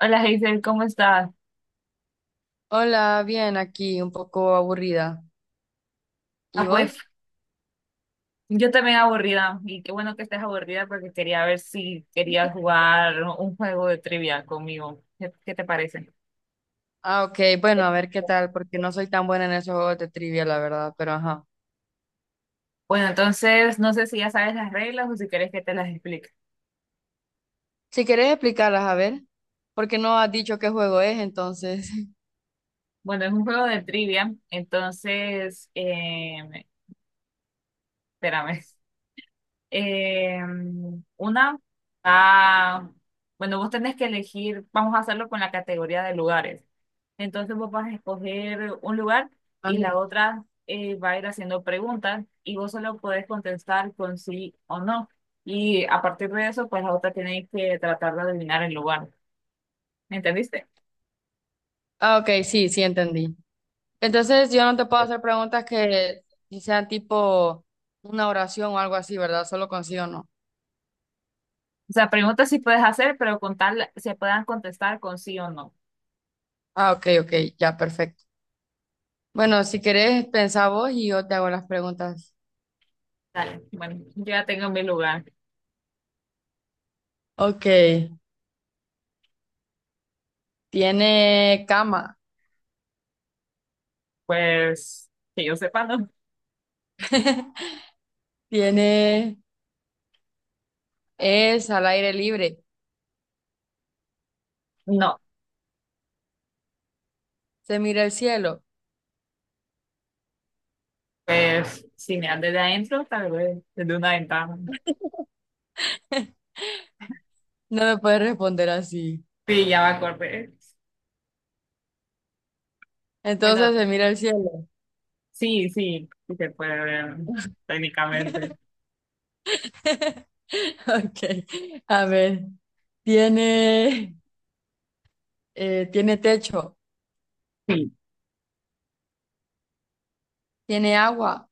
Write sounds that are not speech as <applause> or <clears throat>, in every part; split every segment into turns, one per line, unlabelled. Hola Hazel, ¿cómo estás?
Hola, bien, aquí un poco aburrida. ¿Y
Ah, pues
vos?
yo también aburrida y qué bueno que estés aburrida porque quería ver si querías jugar un juego de trivia conmigo. ¿Qué te parece?
Ok, bueno, a ver qué tal, porque no soy tan buena en esos juegos de trivia, la verdad, pero ajá.
Bueno, entonces no sé si ya sabes las reglas o si quieres que te las explique.
Si querés explicarlas, a ver, porque no has dicho qué juego es, entonces. <laughs>
Bueno, es un juego de trivia, entonces, espérame. Eh, una, ah, bueno, vos tenés que elegir, vamos a hacerlo con la categoría de lugares. Entonces vos vas a escoger un lugar y la
Ajá.
otra va a ir haciendo preguntas y vos solo podés contestar con sí o no. Y a partir de eso, pues la otra tiene que tratar de adivinar el lugar. ¿Me entendiste?
Ok, sí, sí, entendí. Entonces, yo no te puedo hacer preguntas que sean tipo una oración o algo así, ¿verdad? Solo con sí o no.
O sea, preguntas sí puedes hacer, pero con tal se puedan contestar con sí o no.
Ok, ok, ya, perfecto. Bueno, si querés, pensá vos y yo te hago las preguntas.
Dale. Bueno, yo ya tengo mi lugar.
Ok, ¿tiene cama?
Pues que yo sepa, ¿no?
¿Tiene Es al aire libre.
No.
Se mira el cielo.
Pues si miras desde adentro, tal vez desde una ventana.
<laughs> No me puedes responder así.
Sí, ya me acordé. Bueno,
Entonces se mira el cielo.
sí, sí, sí se puede ver técnicamente.
<laughs> Ok. A ver. Tiene, tiene techo.
Sí,
Tiene agua.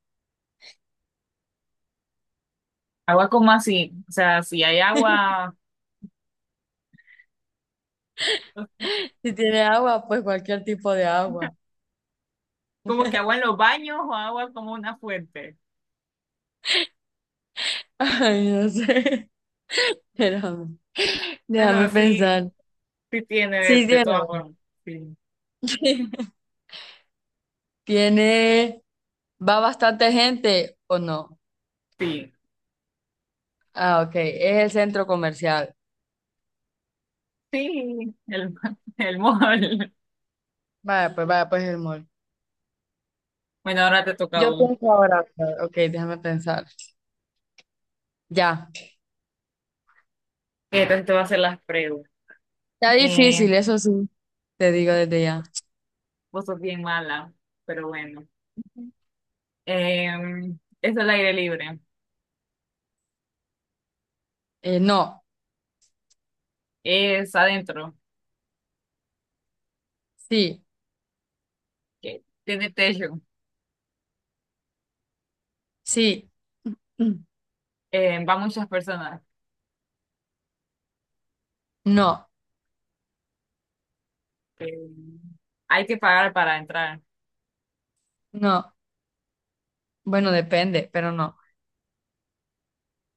agua como así, o sea, si hay agua,
Si tiene agua, pues cualquier tipo de agua.
como que agua en los baños o agua como una fuente.
<laughs> Ay, no sé. <laughs> Espérame.
Bueno,
Déjame
sí,
pensar.
sí tiene de,
Sí,
de
tiene
todas
agua.
formas. Sí,
<laughs> Tiene, va bastante gente o no.
sí,
Ok. Es el centro comercial.
sí, el mol.
Vaya, pues el mall.
Bueno, ahora te toca a
Yo
vos.
pienso ahora. Ok, déjame pensar. Ya.
Entonces te voy a hacer las preguntas.
Está
Eh,
difícil, eso sí. Te digo desde ya.
vos sos bien mala, pero bueno. Es al aire libre,
No,
es adentro,
sí,
que tiene techo,
sí, <clears throat> mm,
va muchas personas,
no,
em, hay que pagar para entrar.
no. Bueno, depende, pero no.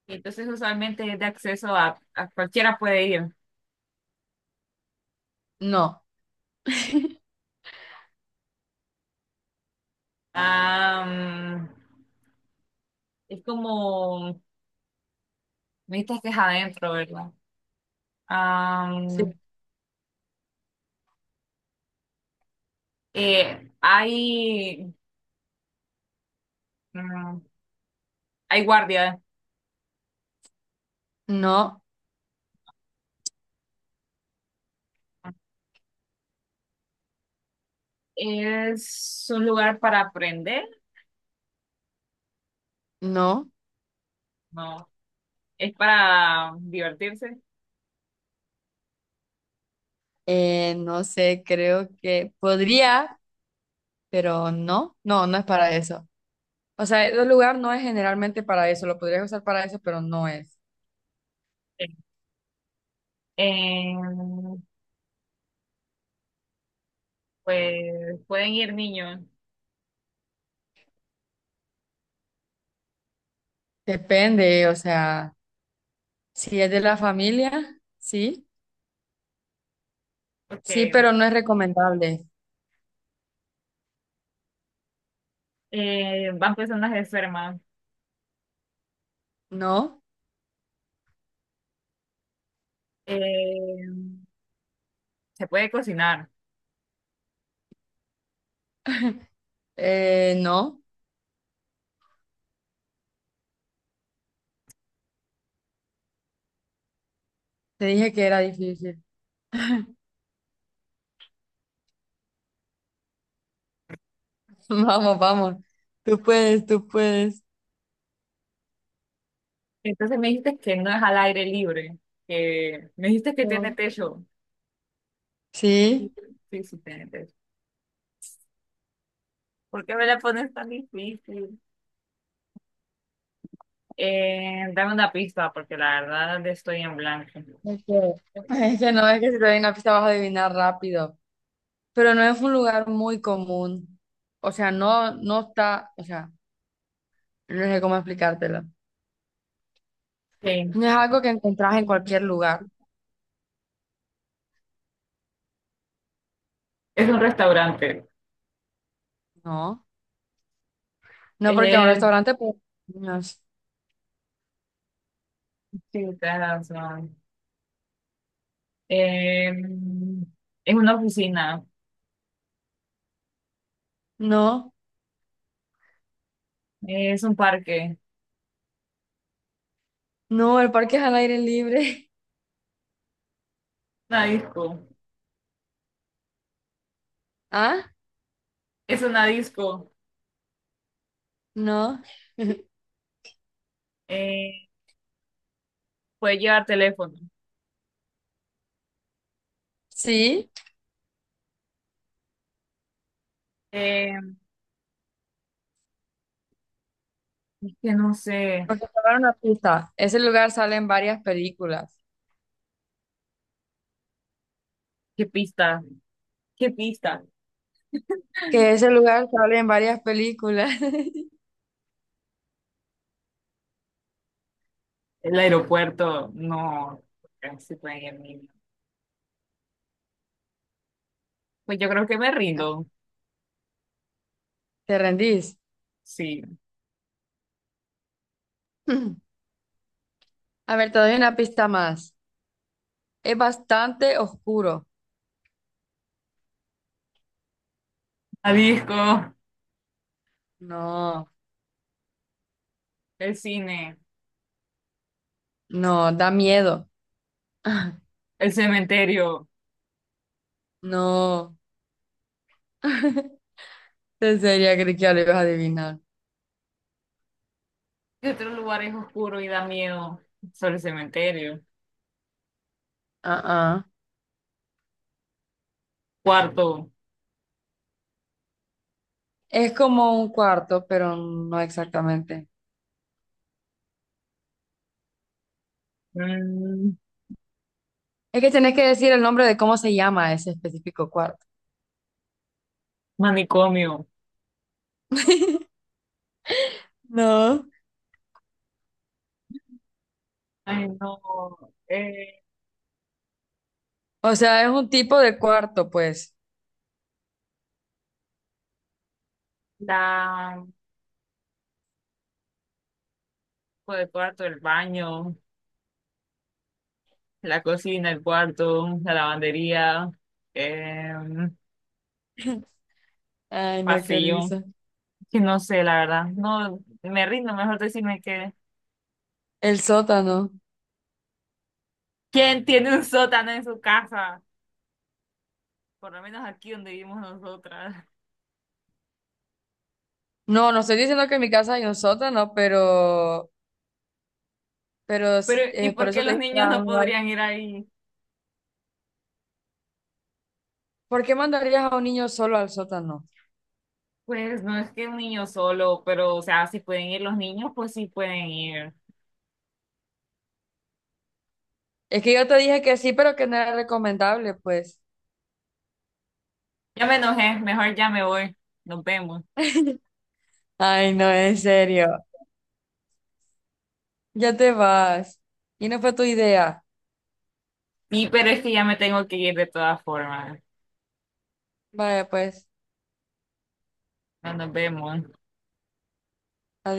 Y entonces usualmente es de acceso a cualquiera puede ir.
No,
Am, es como, viste que es adentro, ¿verdad?
sí,
Am, hay, mm, hay guardia.
no,
¿Es un lugar para aprender?
no.
No, es para divertirse.
No sé, creo que podría, pero no, no, no es para eso. O sea, el lugar no es generalmente para eso, lo podrías usar para eso, pero no es.
eh pues pueden ir niños,
Depende, o sea, si es de la familia, sí. Sí,
porque
pero no es recomendable.
van personas enfermas.
No,
eh se puede cocinar.
no. Te dije que era difícil. <laughs> Vamos, vamos. Tú puedes, tú puedes.
Entonces me dijiste que no es al aire libre, que me dijiste que tiene
No.
techo. Sí,
Sí.
sí, sí tiene techo. ¿Por qué me la pones tan difícil? Dame una pista, porque la verdad estoy en blanco.
Es que, es que no, es que si te doy una pista vas a adivinar rápido. Pero no es un lugar muy común. O sea, no, no está, o sea, no sé cómo explicártelo.
Sí.
No es algo que encontrás en cualquier lugar.
Es un restaurante.
No. No porque a un
Eh,
restaurante, pues, no,
sí, tienes razón. Eh, es una oficina.
no,
Es un parque,
no, el parque es al aire libre.
una disco,
<laughs> ¿Ah?
es una disco.
No.
Eh, puedes llevar teléfono.
Sí.
Eh, es que no sé
Porque te voy una pista. Ese lugar sale en varias películas.
qué pista, qué pista.
Que ese lugar sale en varias películas.
El aeropuerto, no, se puede ir niño. Pues yo creo que me rindo.
<laughs> ¿Te rendís?
Sí,
<clears throat> A ver, te doy una pista más. Es bastante oscuro.
la disco,
No,
el cine,
no, da miedo. <laughs>
el cementerio.
No. <laughs> En serio, creí que ya lo ibas a adivinar.
¿Qué otro lugar es oscuro y da miedo? Solo el cementerio.
Ah, ah.
Cuarto,
Es como un cuarto, pero no exactamente.
mm,
Es que tenés que decir el nombre de cómo se llama ese específico cuarto.
manicomio.
No.
Ay, no. Eh,
O sea, es un tipo de cuarto, pues.
la pues el cuarto, el baño, la cocina, el cuarto, la lavandería, em,
Ay, no, qué
pasillo.
risa.
Que no sé, la verdad. No, me rindo, mejor decirme que.
El sótano.
¿Quién tiene un sótano en su casa? Por lo menos aquí donde vivimos nosotras.
No, no estoy diciendo que en mi casa hay un sótano, pero
Pero, ¿y
por
por qué
eso te
los
dije que
niños
era
no
un lugar.
podrían ir ahí?
¿Por qué mandarías a un niño solo al sótano?
Pues no es que un niño solo, pero, o sea, si pueden ir los niños, pues sí pueden ir.
Es que yo te dije que sí, pero que no era recomendable, pues.
Ya me enojé, mejor ya me voy. Nos vemos.
<laughs> Ay, no, en serio. Ya te vas. Y no fue tu idea.
Sí, pero es que ya me tengo que ir de todas formas.
Vaya, pues.
No nos vemos.
Adiós.